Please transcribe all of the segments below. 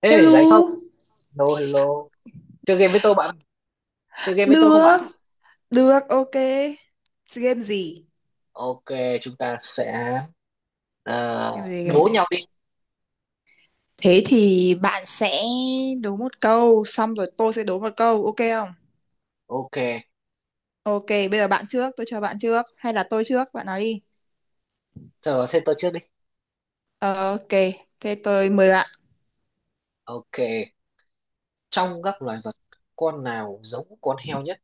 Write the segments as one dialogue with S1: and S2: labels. S1: Ê, rảnh không?
S2: Hello,
S1: Hello, hello. Chơi game với tôi bạn. Chơi game với tôi không
S2: được,
S1: bạn?
S2: được, ok. Game gì?
S1: Ok, chúng ta sẽ
S2: Game gì
S1: đố nhau
S2: kìa?
S1: đi.
S2: Thế thì bạn sẽ đố một câu, xong rồi tôi sẽ đố một câu, ok không?
S1: Ok.
S2: Ok, bây giờ bạn trước, tôi cho bạn trước, hay là tôi trước, bạn nói đi.
S1: Thở thế tôi trước đi.
S2: Ờ, ok, thế tôi mời bạn.
S1: Ok. Trong các loài vật, con nào giống con heo nhất?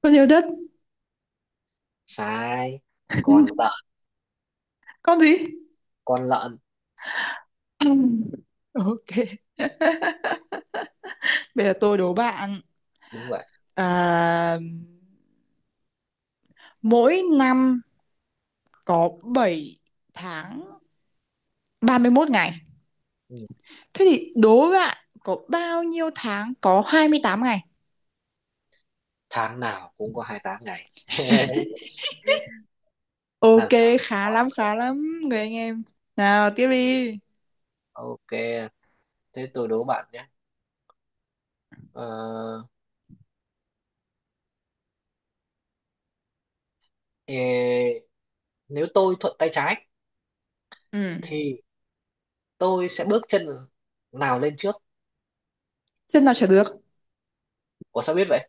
S2: Con yêu đất,
S1: Sai. Con lợn.
S2: con gì?
S1: Con lợn.
S2: Ừm, ok, bây giờ tôi đố bạn.
S1: Đúng vậy.
S2: À, mỗi năm có 7 tháng 31 ngày.
S1: Ừ.
S2: Thế thì đố bạn có bao nhiêu tháng có 28 ngày?
S1: Tháng nào cũng có 28 ngày. Làm
S2: Ok,
S1: sao?
S2: khá lắm, người anh em. Nào, tiếp đi.
S1: Ok. Thế tôi đố bạn nhé. Ờ, ê, nếu tôi thuận tay trái
S2: Ừ,
S1: thì tôi sẽ bước chân nào lên trước?
S2: xem nào trả được.
S1: Ủa sao biết vậy?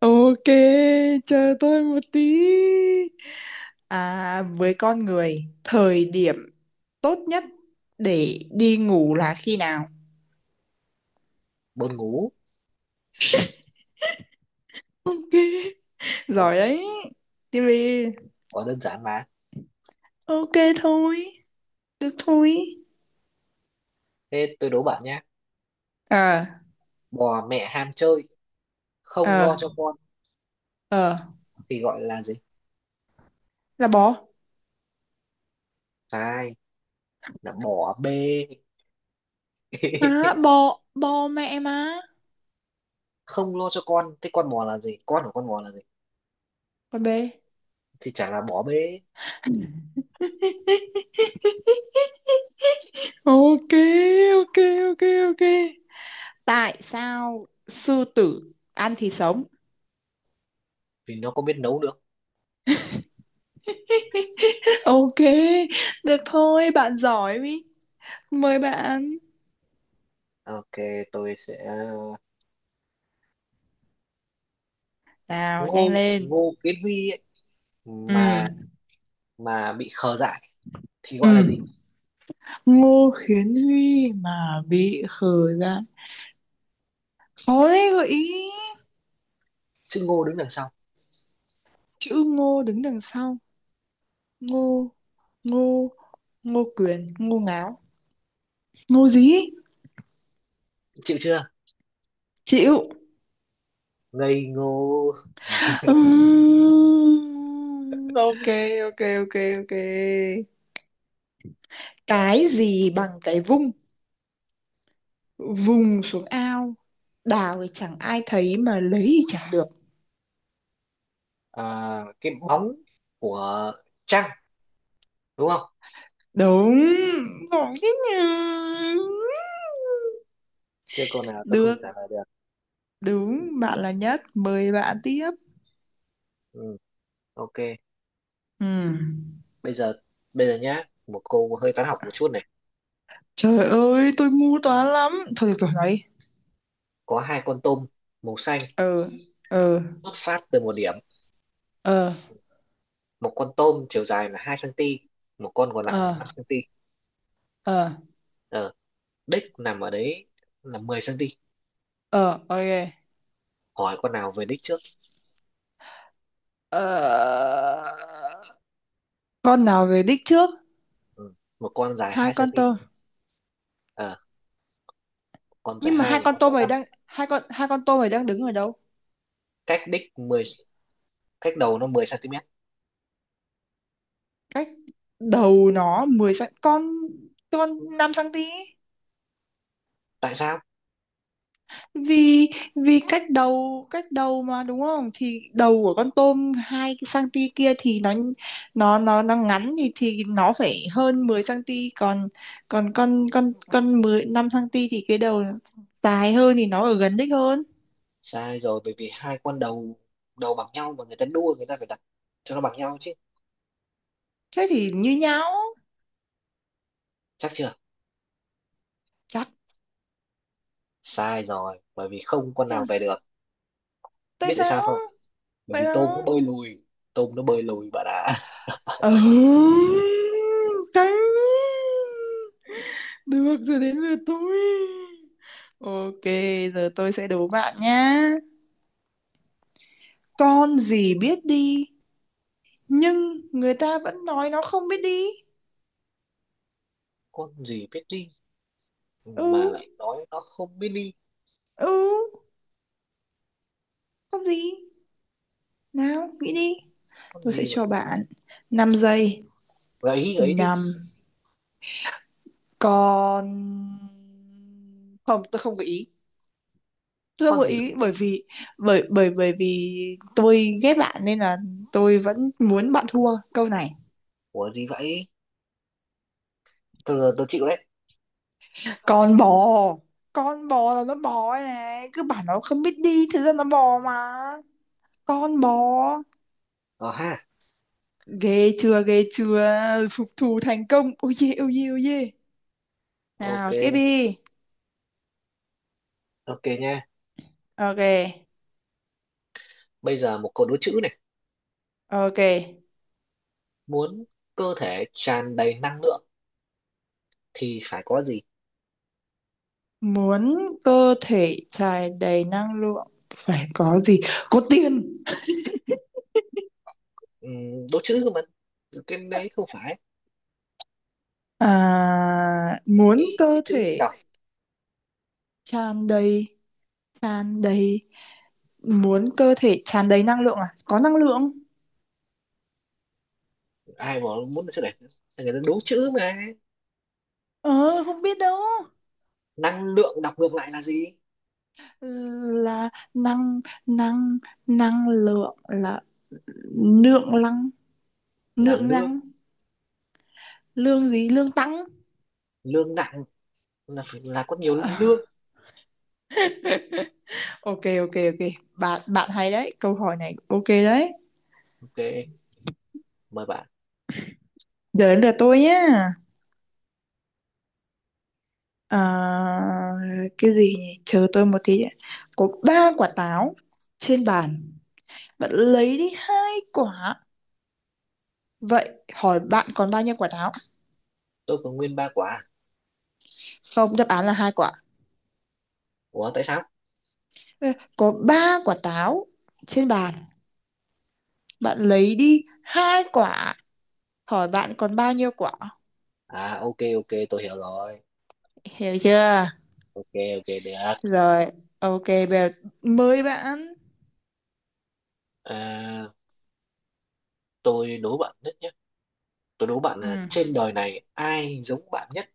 S2: Ok, chờ tôi một tí. À, với con người, thời điểm tốt nhất để đi ngủ là khi nào?
S1: Buồn ngủ.
S2: Ok,
S1: Ủa,
S2: giỏi đấy. Tiếp đi.
S1: quá đơn giản mà.
S2: Ok thôi, được thôi.
S1: Thế tôi đố bạn nhá.
S2: Ờ,
S1: Bò mẹ ham chơi, không
S2: ờ,
S1: lo cho con
S2: ờ,
S1: thì gọi là gì?
S2: là bò.
S1: Sai, là bò bê.
S2: Má, bò, bò mẹ má.
S1: Không lo cho con, thế con bò là gì? Con của con bò là gì?
S2: Con bé.
S1: Thì chả là bò bê,
S2: Ok, ok, ok, ok. Tại sao sư tử ăn thì sống?
S1: vì nó có biết nấu được.
S2: Ok, được thôi, bạn giỏi ý. Mời bạn.
S1: Ok, tôi sẽ
S2: Nào, nhanh
S1: Ngô,
S2: lên.
S1: Ngô Kiến Huy ấy,
S2: Ừ,
S1: mà mà bị khờ dại thì gọi là
S2: ừ.
S1: gì?
S2: Ngô Khiến Huy mà bị khờ ra. Khó đấy, gợi ý.
S1: Chữ Ngô đứng đằng sau.
S2: Chữ Ngô đứng đằng sau. Ngô, Ngô, Ngô Quyền, Ngô Ngáo. Ngô gì?
S1: Chịu chưa?
S2: Chịu.
S1: Ngây ngô.
S2: Ok, ok, ok, ok. Cái gì bằng cái vung, vùng xuống ao, đào thì chẳng ai thấy mà lấy thì chẳng được?
S1: À, cái bóng của trăng đúng không?
S2: Đúng, giỏi thế nhỉ.
S1: Chưa câu nào tôi không
S2: Được,
S1: trả lời được.
S2: đúng, bạn là nhất, mời bạn tiếp.
S1: Ừ, ok.
S2: Ừm.
S1: Bây giờ bây giờ nhá, một câu hơi toán học một chút này.
S2: Trời ơi, tôi ngu toán lắm, thôi được rồi, nói đi.
S1: Có hai con tôm màu xanh
S2: Ừ. Ừ.
S1: xuất phát từ một điểm.
S2: Ờ.
S1: Một con tôm chiều dài là 2 cm, một con còn lại là
S2: Ờ.
S1: 5 cm.
S2: Ờ.
S1: ờ, đích nằm ở đấy là 10 cm.
S2: Ờ. Ok.
S1: Hỏi con nào về đích trước?
S2: Ờ, con nào về đích trước?
S1: Ừ, một con dài
S2: Hai
S1: 2
S2: con
S1: cm
S2: tôm.
S1: ờ, con dài
S2: Nhưng mà
S1: 2 và con dài 5
S2: hai con tôm này đang đứng ở đâu?
S1: cách đích 10, cách đầu nó 10 cm.
S2: Cách đầu nó 10 cm. Con 5 cm?
S1: Tại sao?
S2: Vì vì cách đầu, cách đầu mà, đúng không? Thì đầu của con tôm 2 cm kia thì nó ngắn thì nó phải hơn 10 cm. Còn còn con 10, 5 cm thì cái đầu dài hơn thì nó ở gần đích hơn.
S1: Sai rồi, bởi vì hai con đầu đầu bằng nhau, mà người ta đua người ta phải đặt cho nó bằng nhau chứ.
S2: Thế thì như nhau.
S1: Chắc chưa?
S2: Chắc.
S1: Sai rồi, bởi vì không con
S2: Thế
S1: nào
S2: nhỉ?
S1: về được.
S2: Tại
S1: Biết tại sao
S2: sao?
S1: không? Bởi
S2: Vậy
S1: vì tôm nó
S2: đó.
S1: bơi lùi. Tôm nó bơi lùi bạn ạ.
S2: Ừ, căng. Được rồi, đến lượt tôi. Ok, giờ tôi sẽ đố bạn nhá. Con gì biết đi nhưng người ta vẫn nói nó không biết đi?
S1: Con gì biết đi
S2: Ừ,
S1: mà lại nói nó không biết đi?
S2: ừ, con gì? Nào nghĩ đi.
S1: Con
S2: Tôi sẽ
S1: gì vậy?
S2: cho bạn 5 giây.
S1: Gợi ý, gợi ý đi.
S2: Năm con. Không, tôi không gợi ý. Tôi không
S1: Con
S2: gợi
S1: gì biết
S2: ý bởi
S1: đi?
S2: vì bởi bởi bởi vì tôi ghét bạn nên là tôi vẫn muốn bạn thua câu này.
S1: Của gì vậy? Thôi giờ tôi chịu đấy.
S2: Con bò. Con bò là nó bò đây này, cứ bảo nó không biết đi, thực ra nó bò mà. Con bò.
S1: Ờ ha.
S2: Ghê chưa? Ghê chưa? Phục thù thành công. Ôi dê, ôi dê, ôi dê.
S1: Ok.
S2: Nào, tiếp đi.
S1: Ok nha,
S2: Ok,
S1: bây giờ một câu đố chữ này.
S2: ok.
S1: Muốn cơ thể tràn đầy năng lượng thì phải có gì?
S2: Muốn cơ thể tràn đầy năng lượng phải có gì? Có tiền.
S1: Đố chữ cơ mà, cái đấy không phải.
S2: À, muốn
S1: Cái
S2: cơ
S1: chữ tôi đọc.
S2: thể tràn đầy, tràn đầy, muốn cơ thể tràn đầy năng lượng, à, có năng lượng.
S1: Ai mà muốn chữ này, người ta đố chữ mà.
S2: Ờ, không biết đâu.
S1: Năng lượng đọc ngược lại là gì?
S2: Là năng, năng, năng lượng là lượng năng,
S1: Là
S2: lượng
S1: lương.
S2: năng. Lương gì? Lương tăng.
S1: Lương nặng là phải là có nhiều
S2: Ờ,
S1: lương.
S2: ok, ok, ok, bạn bạn hay đấy, câu hỏi này ok đấy.
S1: Ok, mời bạn.
S2: Đến lượt tôi nhé. Ờ, cái gì nhỉ? Chờ tôi một tí đã. Có ba quả táo trên bàn, bạn lấy đi hai quả. Vậy hỏi bạn còn bao nhiêu quả táo?
S1: Tôi có nguyên ba quả.
S2: Không, đáp án là hai quả.
S1: Ủa tại sao?
S2: Có ba quả táo trên bàn. Bạn lấy đi hai quả. Hỏi bạn còn bao nhiêu quả?
S1: À, ok, ok, tôi hiểu rồi.
S2: Hiểu chưa?
S1: Ok, ok, được.
S2: Rồi, ok, bây giờ mới bạn.
S1: À, tôi đố bạn nhất nhé. Tôi đố bạn
S2: Ừ.
S1: là trên đời này ai giống bạn nhất?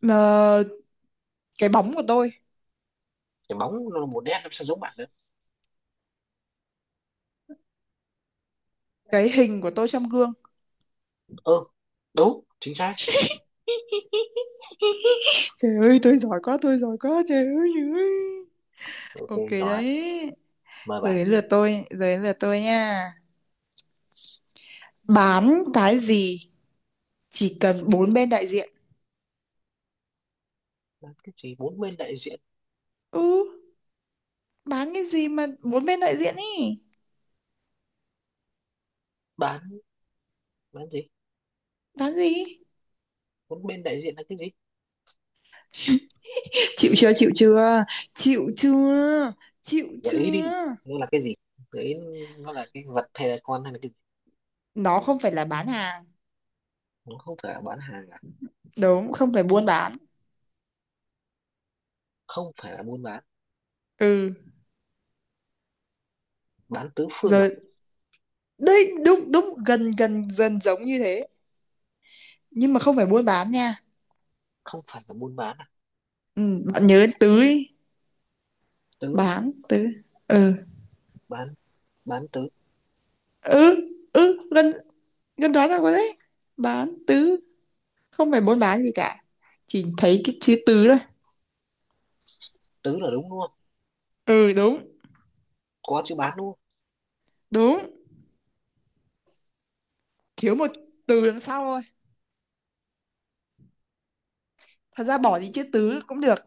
S2: Mà cái bóng của tôi,
S1: Cái bóng nó là một nét, nó sao giống bạn được.
S2: cái hình của tôi trong gương.
S1: Ơ ừ, đúng chính xác.
S2: Trời ơi, tôi giỏi quá, trời ơi. Trời ơi.
S1: Ok.
S2: Ok
S1: Rồi,
S2: đấy.
S1: mời
S2: Giờ
S1: bạn.
S2: đến lượt tôi, giờ đến lượt tôi nha. Bán cái gì chỉ cần bốn bên đại diện?
S1: Bán cái gì bốn bên đại diện?
S2: Ừ, bán cái gì mà bốn bên đại diện ý?
S1: bán bán gì?
S2: Bán gì?
S1: Bốn bên đại diện là cái gì?
S2: Chịu chưa? Chịu chưa? Chịu chưa? Chịu
S1: Gợi ý đi,
S2: chưa?
S1: nó là cái gì? Gợi ý, nó là cái vật hay là con hay là cái?
S2: Nó không phải là bán hàng.
S1: Nó không phải là bán hàng à?
S2: Đúng, không phải buôn bán.
S1: Không phải là buôn bán.
S2: Ừ,
S1: Bán tứ phương à?
S2: rồi đấy, đúng đúng, gần gần, dần, giống như thế, nhưng mà không phải buôn bán nha.
S1: Không phải là buôn bán à?
S2: Ừ, bạn nhớ tứ ý.
S1: Tứ.
S2: Bán tứ. Ừ,
S1: bán bán tứ.
S2: ừ, ừ, gần gần, đoán ra rồi đấy. Bán tứ, không phải buôn bán gì cả, chỉ thấy cái chữ tứ thôi.
S1: Tứ là đúng, đúng không?
S2: Ừ, đúng.
S1: Có chữ bán đúng không?
S2: Đúng, thiếu một từ đằng sau thôi. Thật ra bỏ đi chữ tứ cũng được.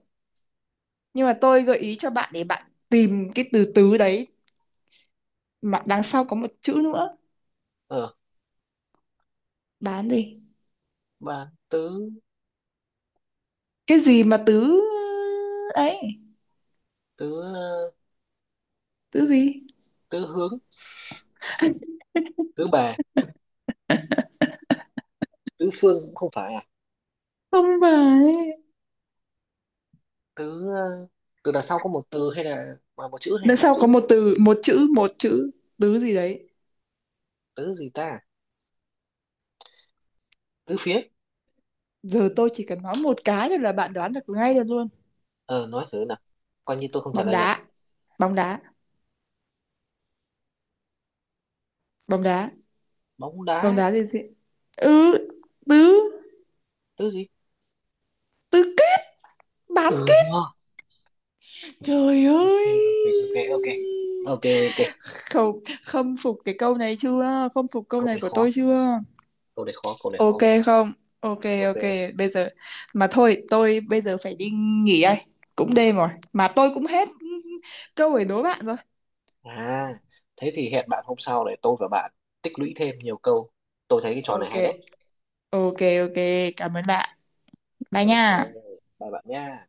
S2: Nhưng mà tôi gợi ý cho bạn để bạn tìm cái từ tứ đấy mà đằng sau có một chữ nữa.
S1: Ờ,
S2: Bán gì?
S1: bán tứ.
S2: Cái gì mà tứ ấy,
S1: Tứ,
S2: tứ gì?
S1: tứ hướng, tứ bề, tứ phương cũng không phải à?
S2: Không phải.
S1: Tứ, từ đằng sau có một từ hay là mà một chữ hay là
S2: Đằng
S1: hai
S2: sau
S1: chữ?
S2: có một từ, một chữ, tứ gì đấy.
S1: Tứ gì ta? Tứ phía?
S2: Giờ tôi chỉ cần nói một cái thôi là bạn đoán được ngay được luôn.
S1: Ờ nói thử nào, coi như tôi không trả
S2: Bóng
S1: lời được.
S2: đá, bóng đá, bóng đá,
S1: Bóng
S2: bóng
S1: đá
S2: đá gì gì? Ừ, tứ,
S1: tứ gì?
S2: tứ kết, bán
S1: Ừ
S2: kết.
S1: đúng rồi.
S2: Trời
S1: Ok,
S2: ơi.
S1: ok, ok, ok, ok, ok,
S2: Không, khâm phục cái câu này chưa? Khâm phục câu
S1: câu
S2: này
S1: này
S2: của
S1: khó,
S2: tôi chưa?
S1: câu này khó, câu này
S2: Ok
S1: khó.
S2: không? Ok,
S1: Ok.
S2: ok, bây giờ mà thôi, tôi bây giờ phải đi nghỉ đây. Cũng đêm rồi, mà tôi cũng hết câu để đố bạn rồi.
S1: À, thế thì hẹn bạn hôm sau để tôi và bạn tích lũy thêm nhiều câu. Tôi thấy cái trò này
S2: Ok,
S1: hay đấy.
S2: ok, ok, cảm ơn bạn. Bye
S1: Ok,
S2: nha.
S1: bye bạn nha.